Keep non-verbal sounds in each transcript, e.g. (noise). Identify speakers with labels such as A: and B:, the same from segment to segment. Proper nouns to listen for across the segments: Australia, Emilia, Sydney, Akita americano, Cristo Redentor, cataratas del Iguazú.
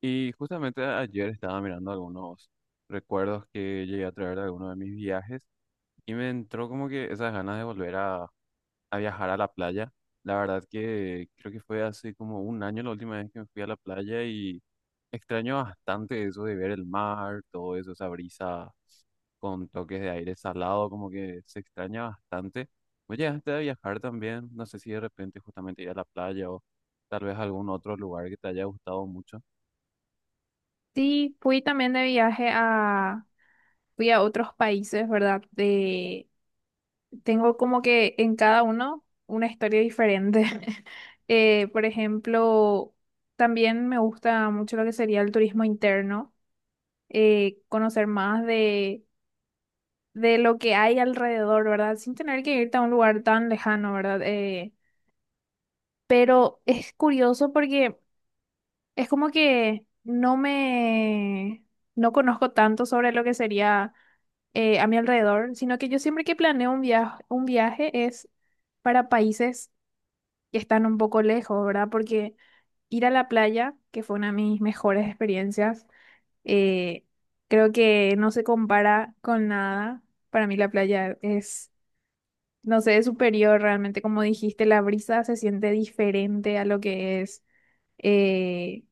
A: Y justamente ayer estaba mirando algunos recuerdos que llegué a traer de algunos de mis viajes y me entró como que esas ganas de volver a viajar a la playa. La verdad que creo que fue hace como un año la última vez que me fui a la playa y extraño bastante eso de ver el mar, todo eso, esa brisa con toques de aire salado, como que se extraña bastante. Oye, antes de viajar también, no sé si de repente justamente ir a la playa o tal vez algún otro lugar que te haya gustado mucho.
B: Sí, fui también de viaje a, fui a otros países, ¿verdad? De, tengo como que en cada uno una historia diferente. (laughs) Por ejemplo, también me gusta mucho lo que sería el turismo interno, conocer más de lo que hay alrededor, ¿verdad? Sin tener que irte a un lugar tan lejano, ¿verdad? Pero es curioso porque... Es como que no conozco tanto sobre lo que sería a mi alrededor, sino que yo siempre que planeo un viaje es para países que están un poco lejos, ¿verdad? Porque ir a la playa, que fue una de mis mejores experiencias, eh, creo que no se compara con nada. Para mí la playa es, no sé, es superior realmente, como dijiste, la brisa se siente diferente a lo que es eh,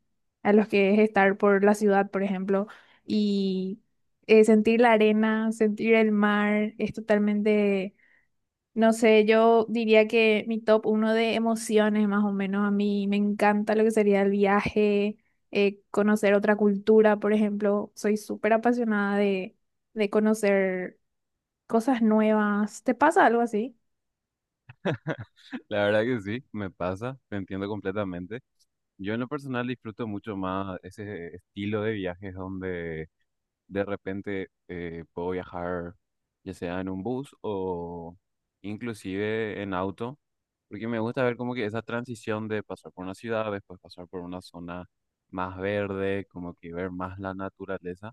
B: a los que es estar por la ciudad, por ejemplo, y sentir la arena, sentir el mar, es totalmente, no sé, yo diría que mi top uno de emociones, más o menos. A mí me encanta lo que sería el viaje, conocer otra cultura, por ejemplo. Soy súper apasionada de conocer cosas nuevas. ¿Te pasa algo así?
A: La verdad que sí, me pasa, te entiendo completamente. Yo en lo personal disfruto mucho más ese estilo de viajes donde de repente puedo viajar ya sea en un bus o inclusive en auto, porque me gusta ver como que esa transición de pasar por una ciudad, después pasar por una zona más verde, como que ver más la naturaleza,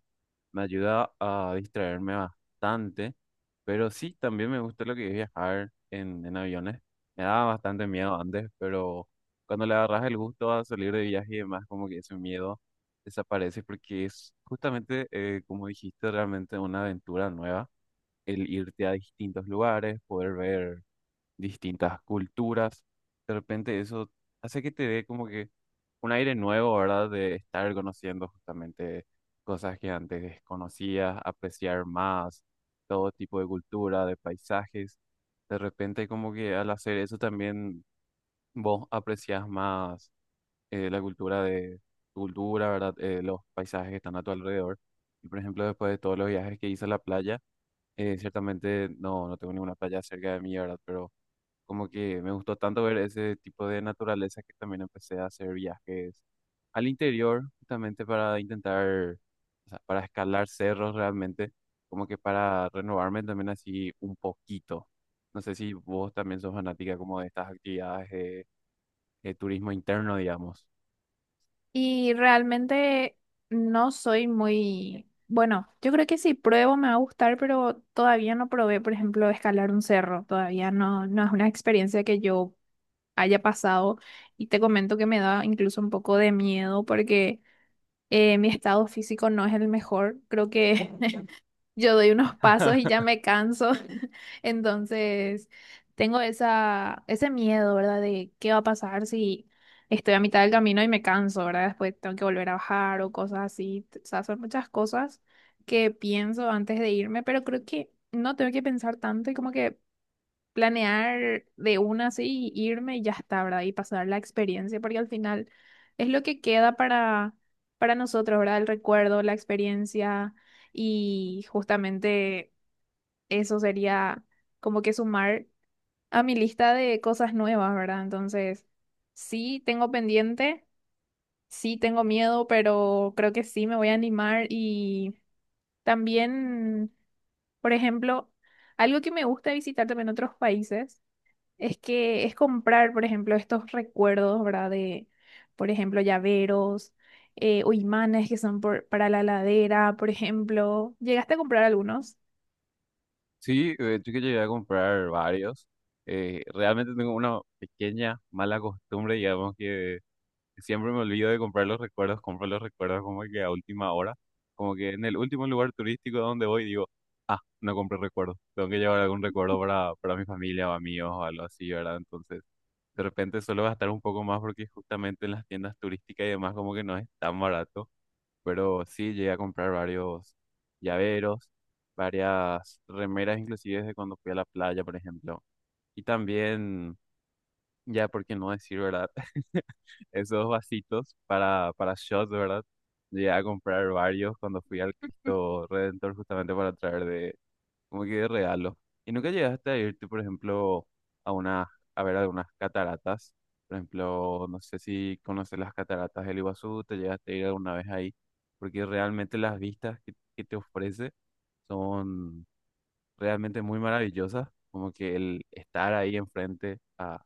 A: me ayuda a distraerme bastante, pero sí, también me gusta lo que es viajar en aviones. Me daba bastante miedo antes, pero cuando le agarras el gusto a salir de viaje y demás, como que ese miedo desaparece porque es justamente, como dijiste, realmente una aventura nueva, el irte a distintos lugares, poder ver distintas culturas, de repente eso hace que te dé como que un aire nuevo, ¿verdad? De estar conociendo justamente cosas que antes desconocías, apreciar más todo tipo de cultura, de paisajes. De repente como que al hacer eso también vos aprecias más la cultura de tu cultura, ¿verdad? Los paisajes que están a tu alrededor. Y por ejemplo, después de todos los viajes que hice a la playa, ciertamente no tengo ninguna playa cerca de mí, ¿verdad? Pero como que me gustó tanto ver ese tipo de naturaleza que también empecé a hacer viajes al interior, justamente para intentar, o sea, para escalar cerros realmente, como que para renovarme también así un poquito. No sé si vos también sos fanática como de estas actividades de turismo interno, digamos.
B: Y realmente no soy muy, bueno, yo creo que si pruebo me va a gustar, pero todavía no probé, por ejemplo, escalar un cerro. Todavía no, no es una experiencia que yo haya pasado. Y te comento que me da incluso un poco de miedo porque mi estado físico no es el mejor. Creo que (laughs) yo doy unos pasos y ya me canso. (laughs) Entonces, tengo esa, ese miedo, ¿verdad? De qué va a pasar si estoy a mitad del camino y me canso, ¿verdad? Después tengo que volver a bajar o cosas así. O sea, son muchas cosas que pienso antes de irme, pero creo que no tengo que pensar tanto y como que planear de una así, irme y ya está, ¿verdad? Y pasar la experiencia, porque al final es lo que queda para nosotros, ¿verdad? El recuerdo, la experiencia y justamente eso sería como que sumar a mi lista de cosas nuevas, ¿verdad? Entonces, sí tengo pendiente, sí tengo miedo, pero creo que sí me voy a animar. Y también, por ejemplo, algo que me gusta visitar también en otros países es que es comprar, por ejemplo, estos recuerdos, ¿verdad? De, por ejemplo, llaveros o imanes que son por- para la ladera, por ejemplo. ¿Llegaste a comprar algunos?
A: Sí, de hecho que llegué a comprar varios. Realmente tengo una pequeña mala costumbre, digamos, que siempre me olvido de comprar los recuerdos, compro los recuerdos como que a última hora, como que en el último lugar turístico donde voy digo, ah, no compré recuerdos, tengo que llevar algún recuerdo para mi familia o amigos o algo así, ¿verdad? Entonces, de repente suelo gastar un poco más porque justamente en las tiendas turísticas y demás como que no es tan barato, pero sí llegué a comprar varios llaveros, varias remeras, inclusive de cuando fui a la playa, por ejemplo. Y también, ya por qué no decir, ¿verdad? (laughs) Esos vasitos para shots, ¿verdad? Llegué a comprar varios cuando fui al
B: (laughs)
A: Cristo Redentor justamente para traer de, como que de regalo. ¿Y nunca llegaste a irte, por ejemplo, a una, a ver algunas cataratas? Por ejemplo, no sé si conoces las cataratas del Iguazú, te llegaste a ir alguna vez ahí, porque realmente las vistas que te ofrece son realmente muy maravillosas, como que el estar ahí enfrente a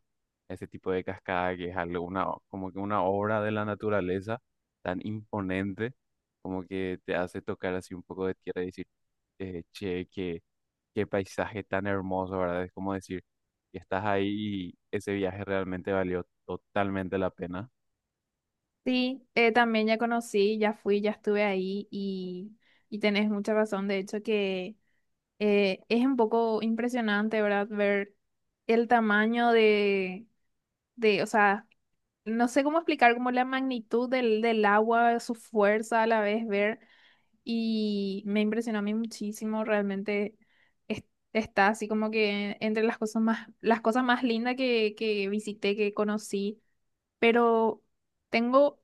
A: ese tipo de cascada que es algo, una, o- como que una obra de la naturaleza tan imponente, como que te hace tocar así un poco de tierra y decir, che, que qué paisaje tan hermoso, ¿verdad? Es como decir, que estás ahí y ese viaje realmente valió totalmente la pena.
B: Sí, también ya conocí, ya fui, ya estuve ahí y tenés mucha razón. De hecho, que es un poco impresionante, ¿verdad? Ver el tamaño de, o sea, no sé cómo explicar como la magnitud del, del agua, su fuerza a la vez, ver. Y me impresionó a mí muchísimo, realmente es- está así como que entre las cosas más lindas que visité, que conocí, pero tengo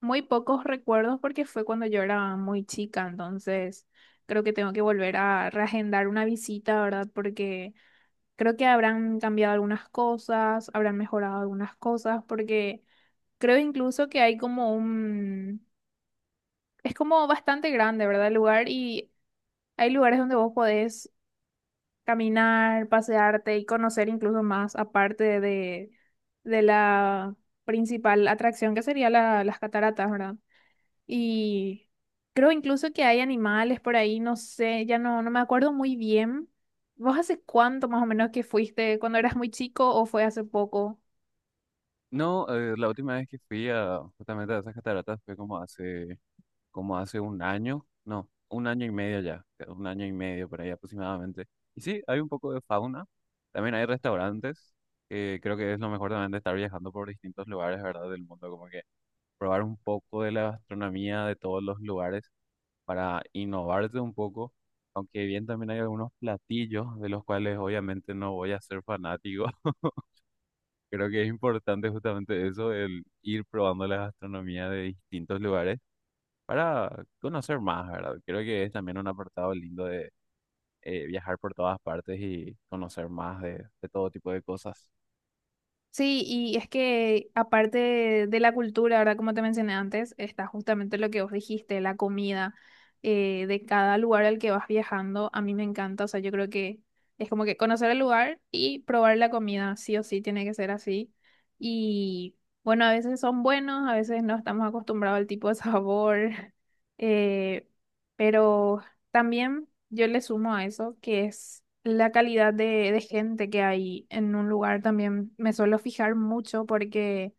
B: muy pocos recuerdos porque fue cuando yo era muy chica. Entonces creo que tengo que volver a reagendar una visita, ¿verdad? Porque creo que habrán cambiado algunas cosas, habrán mejorado algunas cosas, porque creo incluso que hay como un... Es como bastante grande, ¿verdad? El lugar, y hay lugares donde vos podés caminar, pasearte y conocer incluso más, aparte de la principal atracción que sería la- las cataratas, ¿verdad? Y creo incluso que hay animales por ahí, no sé, ya no, no me acuerdo muy bien. ¿Vos hace cuánto más o menos que fuiste? ¿Cuando eras muy chico o fue hace poco?
A: No, la última vez que fui a justamente a esas cataratas fue como hace un año, no, un año y medio ya, un año y medio por ahí aproximadamente. Y sí, hay un poco de fauna, también hay restaurantes, que creo que es lo mejor también de estar viajando por distintos lugares, ¿verdad? Del mundo, como que probar un poco de la gastronomía de todos los lugares, para innovarte un poco, aunque bien también hay algunos platillos de los cuales obviamente no voy a ser fanático. (laughs) Creo que es importante justamente eso, el ir probando la gastronomía de distintos lugares para conocer más, ¿verdad? Creo que es también un apartado lindo de viajar por todas partes y conocer más de todo tipo de cosas.
B: Sí, y es que aparte de la cultura, ¿verdad? Como te mencioné antes, está justamente lo que vos dijiste, la comida de cada lugar al que vas viajando. A mí me encanta, o sea, yo creo que es como que conocer el lugar y probar la comida, sí o sí, tiene que ser así. Y bueno, a veces son buenos, a veces no estamos acostumbrados al tipo de sabor, (laughs) eh, pero también yo le sumo a eso que es la calidad de gente que hay en un lugar. También me suelo fijar mucho porque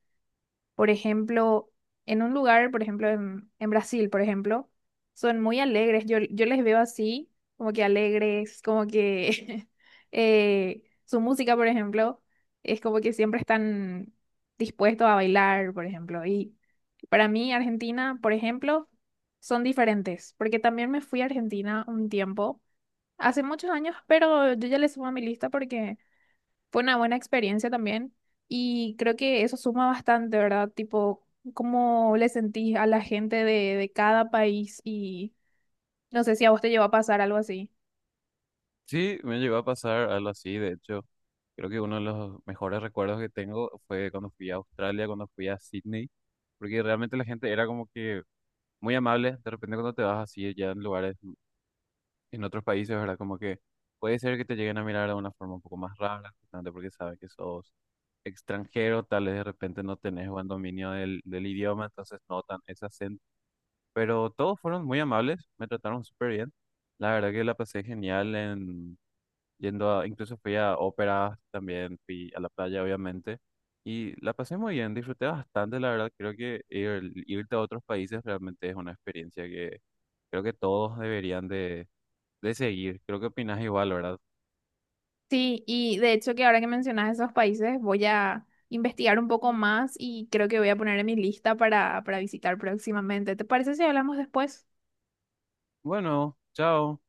B: por ejemplo, en un lugar, por ejemplo, en Brasil, por ejemplo, son muy alegres. Yo les veo así, como que alegres, como que (laughs) su música, por ejemplo, es como que siempre están dispuestos a bailar, por ejemplo. Y para mí, Argentina, por ejemplo, son diferentes, porque también me fui a Argentina un tiempo, hace muchos años, pero yo ya le subo a mi lista porque... Fue una buena experiencia también y creo que eso suma bastante, ¿verdad? Tipo, cómo le sentís a la gente de cada país y no sé si a vos te llevó a pasar algo así.
A: Sí, me llegó a pasar algo así, de hecho, creo que uno de los mejores recuerdos que tengo fue cuando fui a Australia, cuando fui a Sydney, porque realmente la gente era como que muy amable. De repente cuando te vas así ya en lugares, en otros países, ¿verdad? Como que puede ser que te lleguen a mirar de una forma un poco más rara, justamente porque saben que sos extranjero, tal vez de repente no tenés buen dominio del idioma, entonces notan ese acento. Pero todos fueron muy amables, me trataron súper bien. La verdad que la pasé genial en yendo a, incluso fui a óperas, también fui a la playa, obviamente. Y la pasé muy bien, disfruté bastante, la verdad. Creo que ir- irte a otros países realmente es una experiencia que creo que todos deberían de seguir. Creo que opinas igual, ¿verdad?
B: Sí, y de hecho que ahora que mencionas esos países voy a investigar un poco más y creo que voy a poner en mi lista para visitar próximamente. ¿Te parece si hablamos después?
A: Bueno, chao.